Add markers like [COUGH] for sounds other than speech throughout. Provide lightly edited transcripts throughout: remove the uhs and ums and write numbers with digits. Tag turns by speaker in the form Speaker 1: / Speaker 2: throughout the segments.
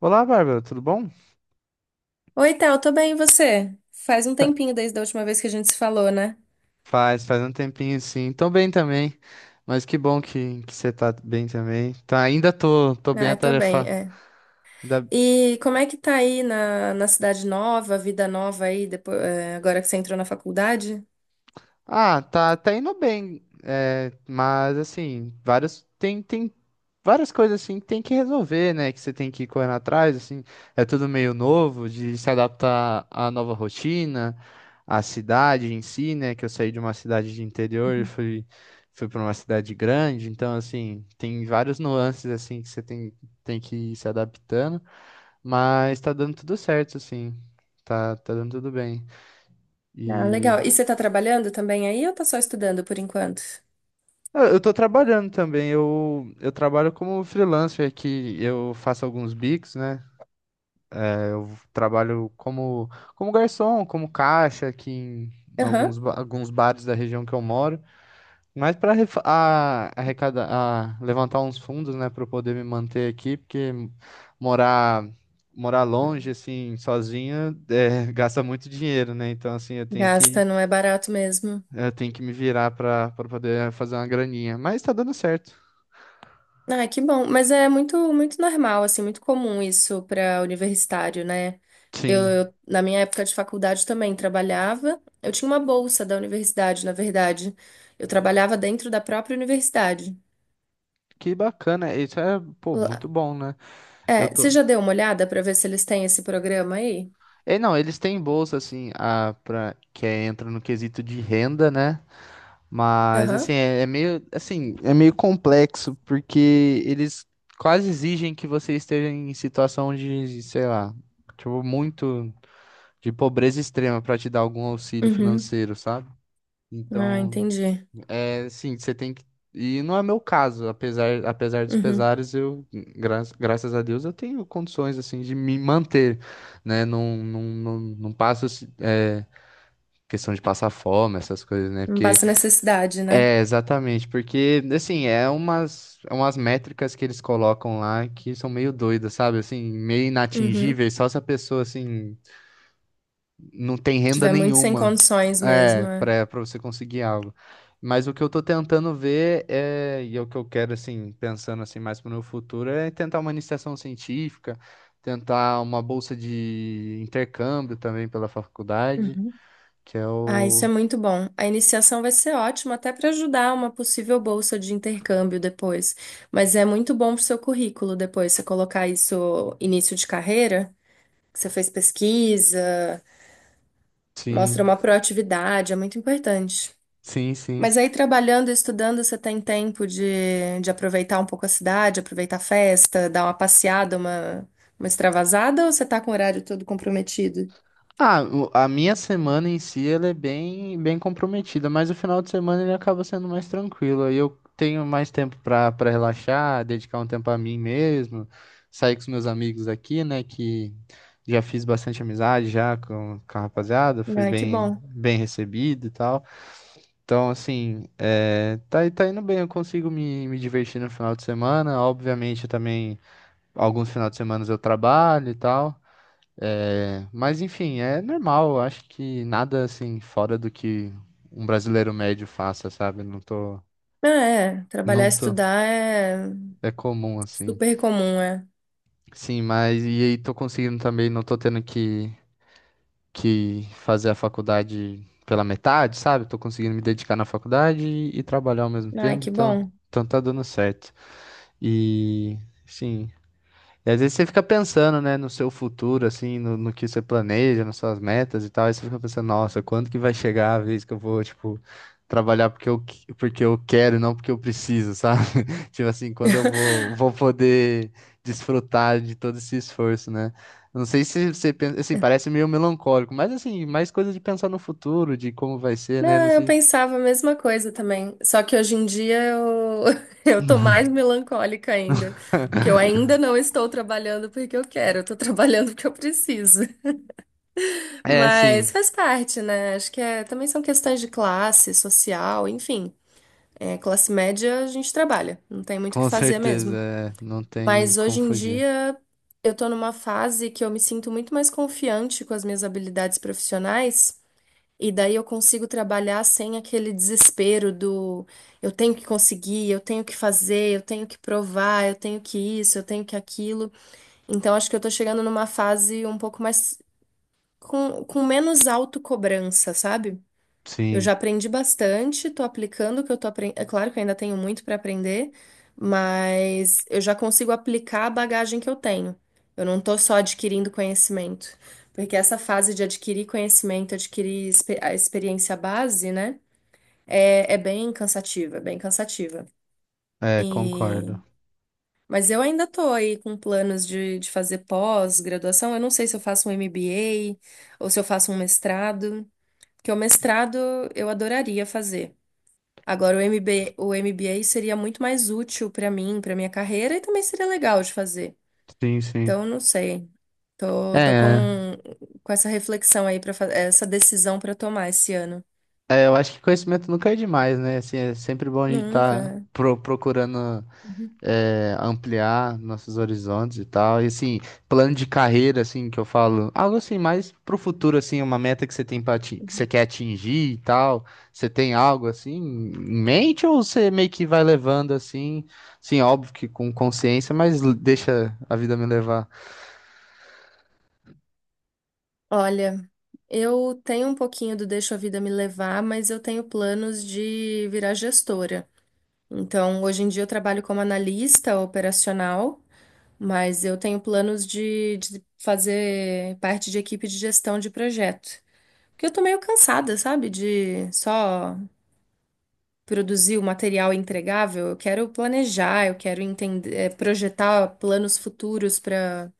Speaker 1: Olá, Bárbara, tudo bom?
Speaker 2: Oi, Tal, tô bem, e você? Faz um
Speaker 1: Tá.
Speaker 2: tempinho desde a última vez que a gente se falou, né?
Speaker 1: Faz um tempinho sim. Tô bem também, mas que bom que você tá bem também. Tá, ainda tô bem
Speaker 2: Ah, tô bem,
Speaker 1: atarefado.
Speaker 2: é. E como é que tá aí na cidade nova, vida nova aí, depois, agora que você entrou na faculdade?
Speaker 1: Ah, tá indo bem, é, mas assim, vários tem, tem várias coisas assim que tem que resolver, né? Que você tem que ir correndo atrás, assim, é tudo meio novo, de se adaptar à nova rotina, à cidade em si, né? Que eu saí de uma cidade de interior e fui para uma cidade grande, então assim, tem vários nuances assim que você tem que ir se adaptando, mas tá dando tudo certo, assim, tá dando tudo bem.
Speaker 2: Ah,
Speaker 1: e
Speaker 2: legal. E você tá trabalhando também aí ou tá só estudando por enquanto?
Speaker 1: Ah, eu tô trabalhando também. Eu trabalho como freelancer que eu faço alguns bicos, né? É, eu trabalho como, como garçom, como caixa aqui em
Speaker 2: Aham.
Speaker 1: alguns, alguns bares da região que eu moro. Mas para arrecadar, levantar uns fundos, né, para eu poder me manter aqui, porque morar morar longe assim, sozinho, é, [LAUGHS] gasta muito dinheiro, né? Então assim,
Speaker 2: Gasta, não é barato mesmo.
Speaker 1: eu tenho que me virar para poder fazer uma graninha. Mas tá dando certo.
Speaker 2: Ah, que bom. Mas é muito, muito normal, assim, muito comum isso para universitário, né?
Speaker 1: Sim.
Speaker 2: Na minha época de faculdade também trabalhava. Eu tinha uma bolsa da universidade, na verdade. Eu trabalhava dentro da própria universidade.
Speaker 1: Que bacana, isso é, pô, muito
Speaker 2: Lá-
Speaker 1: bom, né? Eu
Speaker 2: É,
Speaker 1: tô.
Speaker 2: você já deu uma olhada para ver se eles têm esse programa aí?
Speaker 1: É, não, eles têm bolsa assim, a para que entra no quesito de renda, né? Mas assim,
Speaker 2: Aham.
Speaker 1: é meio assim, é meio complexo porque eles quase exigem que você esteja em situação de, sei lá, tipo muito de pobreza extrema para te dar algum auxílio
Speaker 2: Uhum.
Speaker 1: financeiro, sabe?
Speaker 2: Ah,
Speaker 1: Então,
Speaker 2: entendi.
Speaker 1: é, sim, você tem que. E não é meu caso, apesar dos
Speaker 2: Uhum.
Speaker 1: pesares, eu, graças a Deus, eu tenho condições, assim, de me manter, né? Não passo, assim, é, questão de passar fome, essas coisas, né?
Speaker 2: Não
Speaker 1: Porque,
Speaker 2: passa necessidade, né?
Speaker 1: é, exatamente, porque, assim, é umas métricas que eles colocam lá que são meio doidas, sabe? Assim, meio
Speaker 2: Uhum.
Speaker 1: inatingíveis, só se a pessoa, assim, não tem renda
Speaker 2: Tiver muito sem
Speaker 1: nenhuma,
Speaker 2: condições mesmo.
Speaker 1: é,
Speaker 2: É.
Speaker 1: para você conseguir algo. Mas o que eu tô tentando ver é, e é o que eu quero assim, pensando assim mais para o meu futuro, é tentar uma iniciação científica, tentar uma bolsa de intercâmbio também pela faculdade,
Speaker 2: Uhum.
Speaker 1: que é
Speaker 2: Ah, isso
Speaker 1: o
Speaker 2: é muito bom. A iniciação vai ser ótima até para ajudar uma possível bolsa de intercâmbio depois. Mas é muito bom para o seu currículo depois, você colocar isso início de carreira, que você fez pesquisa, mostra
Speaker 1: sim,
Speaker 2: uma proatividade, é muito importante.
Speaker 1: sim, sim.
Speaker 2: Mas aí trabalhando e estudando, você tem tempo de aproveitar um pouco a cidade, aproveitar a festa, dar uma passeada, uma extravasada, ou você tá com o horário todo comprometido?
Speaker 1: Ah, a minha semana em si ela é bem comprometida, mas o final de semana ele acaba sendo mais tranquilo. Aí eu tenho mais tempo para relaxar, dedicar um tempo a mim mesmo, sair com os meus amigos aqui, né? Que já fiz bastante amizade já com a rapaziada, fui
Speaker 2: Ai, que
Speaker 1: bem,
Speaker 2: bom.
Speaker 1: bem recebido e tal. Então, assim, é, tá, tá indo bem, eu consigo me divertir no final de semana. Obviamente, eu também, alguns finais de semana eu trabalho e tal. É, mas enfim, é normal. Eu acho que nada assim fora do que um brasileiro médio faça, sabe? Não tô,
Speaker 2: Ah, é, trabalhar e
Speaker 1: não tô.
Speaker 2: estudar é
Speaker 1: É comum assim.
Speaker 2: super comum, é.
Speaker 1: Sim, mas e aí tô conseguindo também. Não tô tendo que fazer a faculdade pela metade, sabe? Tô conseguindo me dedicar na faculdade e trabalhar ao mesmo
Speaker 2: Ai,
Speaker 1: tempo.
Speaker 2: que
Speaker 1: Então,
Speaker 2: bom.
Speaker 1: então tá dando certo. E sim. E às vezes você fica pensando, né, no seu futuro, assim, no que você planeja, nas suas metas e tal, e você fica pensando, nossa, quando que vai chegar a vez que eu vou, tipo, trabalhar porque eu, porque eu quero e não porque eu preciso, sabe? [LAUGHS] Tipo assim, quando eu
Speaker 2: [LAUGHS]
Speaker 1: vou poder desfrutar de todo esse esforço, né? Não sei se você pensa, assim, parece meio melancólico, mas assim, mais coisa de pensar no futuro, de como vai ser, né?
Speaker 2: Não,
Speaker 1: Não
Speaker 2: eu
Speaker 1: sei.
Speaker 2: pensava a mesma coisa também. Só que hoje em dia eu, [LAUGHS] eu tô mais melancólica ainda. Porque eu ainda não estou trabalhando porque eu quero, eu tô trabalhando porque eu preciso.
Speaker 1: É,
Speaker 2: Mas
Speaker 1: sim,
Speaker 2: faz parte, né? Acho que é, também são questões de classe, social, enfim. É, classe média a gente trabalha, não tem muito o que
Speaker 1: com
Speaker 2: fazer
Speaker 1: certeza,
Speaker 2: mesmo.
Speaker 1: é, não tem
Speaker 2: Mas
Speaker 1: como
Speaker 2: hoje em
Speaker 1: fugir.
Speaker 2: dia eu tô numa fase que eu me sinto muito mais confiante com as minhas habilidades profissionais, e daí eu consigo trabalhar sem aquele desespero do eu tenho que conseguir, eu tenho que fazer, eu tenho que provar, eu tenho que isso, eu tenho que aquilo. Então acho que eu tô chegando numa fase um pouco mais com menos autocobrança, sabe? Eu
Speaker 1: Sim,
Speaker 2: já aprendi bastante, tô aplicando o que eu tô aprendendo. É claro que eu ainda tenho muito para aprender, mas eu já consigo aplicar a bagagem que eu tenho. Eu não tô só adquirindo conhecimento, porque essa fase de adquirir conhecimento, adquirir a experiência base, né? É, é bem cansativa, é bem cansativa.
Speaker 1: é,
Speaker 2: E...
Speaker 1: concordo.
Speaker 2: Mas eu ainda tô aí com planos de fazer pós-graduação. Eu não sei se eu faço um MBA ou se eu faço um mestrado. Porque o mestrado eu adoraria fazer. Agora, o MBA seria muito mais útil para mim, para minha carreira, e também seria legal de fazer.
Speaker 1: Sim, sim.
Speaker 2: Então, não sei. Tô com,
Speaker 1: É,
Speaker 2: com essa reflexão aí, para essa decisão para tomar esse ano.
Speaker 1: é, eu acho que conhecimento nunca é demais, né? Assim, é sempre bom a gente estar
Speaker 2: Nunca.
Speaker 1: procurando
Speaker 2: Uhum.
Speaker 1: é, ampliar nossos horizontes e tal. E assim, plano de carreira, assim, que eu falo, algo assim, mais pro futuro, assim, uma meta que você tem para que você quer atingir e tal. Você tem algo assim em mente ou você meio que vai levando assim, sim, óbvio que com consciência, mas deixa a vida me levar.
Speaker 2: Olha, eu tenho um pouquinho do deixo a vida me levar, mas eu tenho planos de virar gestora. Então, hoje em dia eu trabalho como analista operacional. Mas eu tenho planos de fazer parte de equipe de gestão de projeto. Porque eu tô meio cansada, sabe? De só produzir o material entregável. Eu quero planejar, eu quero entender, projetar planos futuros para,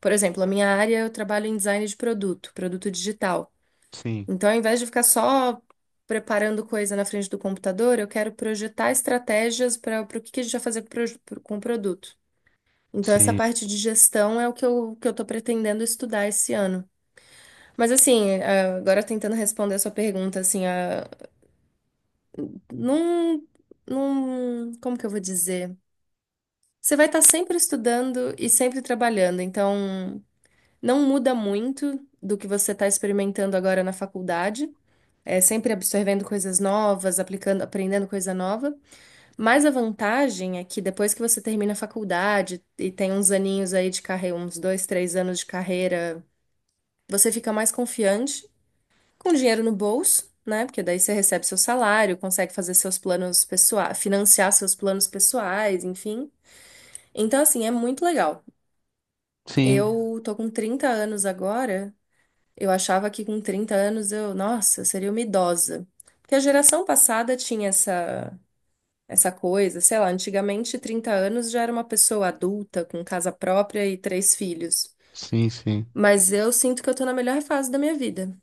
Speaker 2: por exemplo, a minha área eu trabalho em design de produto, produto digital.
Speaker 1: Sim,
Speaker 2: Então, ao invés de ficar só preparando coisa na frente do computador, eu quero projetar estratégias para o que que a gente vai fazer com o produto. Então, essa
Speaker 1: sim,
Speaker 2: parte de gestão é o que eu tô pretendendo estudar esse ano. Mas, assim, agora tentando responder a sua pergunta, assim, ah, num, como que eu vou dizer? Você vai estar sempre estudando e sempre trabalhando, então não muda muito do que você está experimentando agora na faculdade. É sempre absorvendo coisas novas, aplicando, aprendendo coisa nova. Mas a vantagem é que depois que você termina a faculdade e tem uns aninhos aí de carreira, uns dois, três anos de carreira. Você fica mais confiante, com dinheiro no bolso, né? Porque daí você recebe seu salário, consegue fazer seus planos pessoais, financiar seus planos pessoais, enfim. Então, assim, é muito legal.
Speaker 1: sim,
Speaker 2: Eu tô com 30 anos agora. Eu achava que com 30 anos eu, nossa, eu seria uma idosa. Porque a geração passada tinha essa coisa, sei lá, antigamente 30 anos já era uma pessoa adulta, com casa própria e três filhos.
Speaker 1: sim.
Speaker 2: Mas eu sinto que eu tô na melhor fase da minha vida.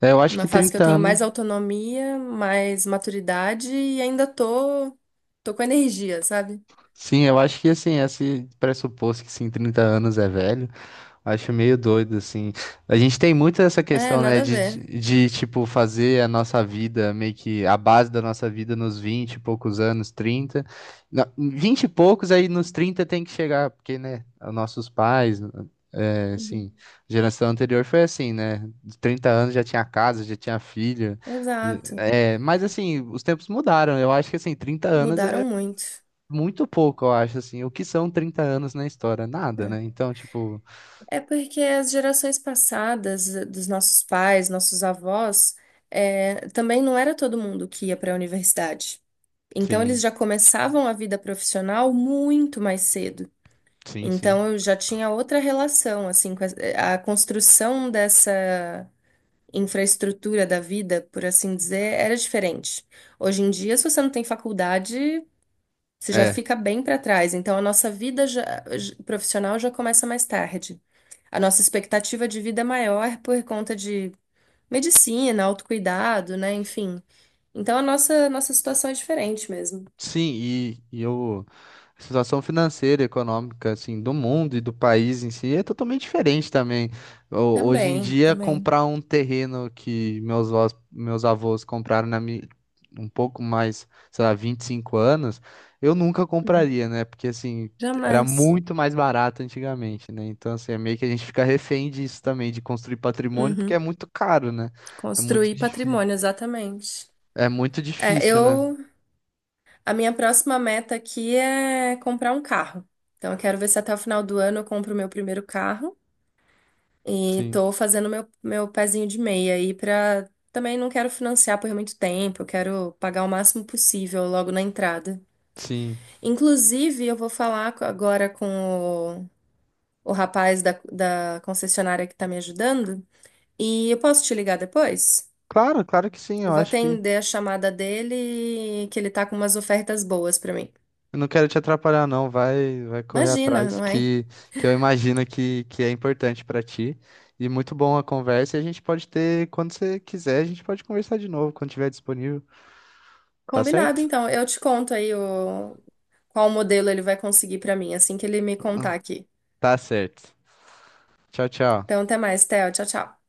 Speaker 1: É, eu acho
Speaker 2: Uma
Speaker 1: que
Speaker 2: fase que eu
Speaker 1: 30
Speaker 2: tenho mais
Speaker 1: anos.
Speaker 2: autonomia, mais maturidade e ainda tô com energia, sabe?
Speaker 1: Sim, eu acho que assim, esse pressuposto que sim, 30 anos é velho, eu acho meio doido, assim. A gente tem muito essa
Speaker 2: É,
Speaker 1: questão, né,
Speaker 2: nada a
Speaker 1: de,
Speaker 2: ver.
Speaker 1: de tipo, fazer a nossa vida, meio que a base da nossa vida nos 20 e poucos anos, trinta. 20 e poucos, aí nos 30 tem que chegar, porque, né, os nossos pais, né,
Speaker 2: Uhum.
Speaker 1: assim, geração anterior foi assim, né? De 30 anos já tinha casa, já tinha filho.
Speaker 2: Exato.
Speaker 1: É, mas assim, os tempos mudaram. Eu acho que assim, 30 anos
Speaker 2: Mudaram
Speaker 1: é
Speaker 2: muito.
Speaker 1: muito pouco, eu acho, assim. O que são 30 anos na história? Nada,
Speaker 2: É,
Speaker 1: né? Então, tipo,
Speaker 2: é porque as gerações passadas, dos nossos pais, nossos avós, também não era todo mundo que ia para a universidade. Então, eles
Speaker 1: sim,
Speaker 2: já começavam a vida profissional muito mais cedo.
Speaker 1: sim, sim.
Speaker 2: Então, eu já tinha outra relação, assim, com a construção dessa infraestrutura da vida, por assim dizer, era diferente. Hoje em dia, se você não tem faculdade, você já
Speaker 1: É.
Speaker 2: fica bem para trás. Então, a nossa vida profissional já começa mais tarde. A nossa expectativa de vida é maior por conta de medicina, autocuidado, né? Enfim. Então, a nossa situação é diferente mesmo.
Speaker 1: Sim, e o, a situação financeira, e econômica, assim, do mundo e do país em si é totalmente diferente também. Hoje em
Speaker 2: Também,
Speaker 1: dia,
Speaker 2: também.
Speaker 1: comprar um terreno que meus avós compraram um pouco mais, sei lá, 25 anos, eu nunca
Speaker 2: Uhum.
Speaker 1: compraria, né? Porque, assim, era
Speaker 2: Jamais.
Speaker 1: muito mais barato antigamente, né? Então, assim, é meio que a gente fica refém disso também, de construir patrimônio, porque é
Speaker 2: Uhum.
Speaker 1: muito caro, né? É
Speaker 2: Construir patrimônio, exatamente.
Speaker 1: é muito
Speaker 2: É,
Speaker 1: difícil, né?
Speaker 2: eu A minha próxima meta aqui é comprar um carro. Então, eu quero ver se até o final do ano eu compro o meu primeiro carro. E
Speaker 1: Sim,
Speaker 2: tô fazendo meu pezinho de meia aí pra. Também não quero financiar por muito tempo, eu quero pagar o máximo possível logo na entrada.
Speaker 1: sim.
Speaker 2: Inclusive, eu vou falar agora com o, o rapaz da concessionária que tá me ajudando. E eu posso te ligar depois?
Speaker 1: Claro, claro que sim.
Speaker 2: Eu
Speaker 1: Eu
Speaker 2: vou
Speaker 1: acho que
Speaker 2: atender a chamada dele, que ele tá com umas ofertas boas pra mim.
Speaker 1: eu não quero te atrapalhar, não. Vai correr
Speaker 2: Imagina,
Speaker 1: atrás
Speaker 2: não é?
Speaker 1: que eu imagino que é importante pra ti. E muito bom a conversa. E a gente pode ter, quando você quiser, a gente pode conversar de novo, quando tiver disponível. Tá
Speaker 2: Combinado,
Speaker 1: certo?
Speaker 2: então. Eu te conto aí qual modelo ele vai conseguir pra mim, assim que ele me contar aqui.
Speaker 1: Tá certo. Tchau,
Speaker 2: Então,
Speaker 1: tchau.
Speaker 2: até mais, Theo. Tchau, tchau.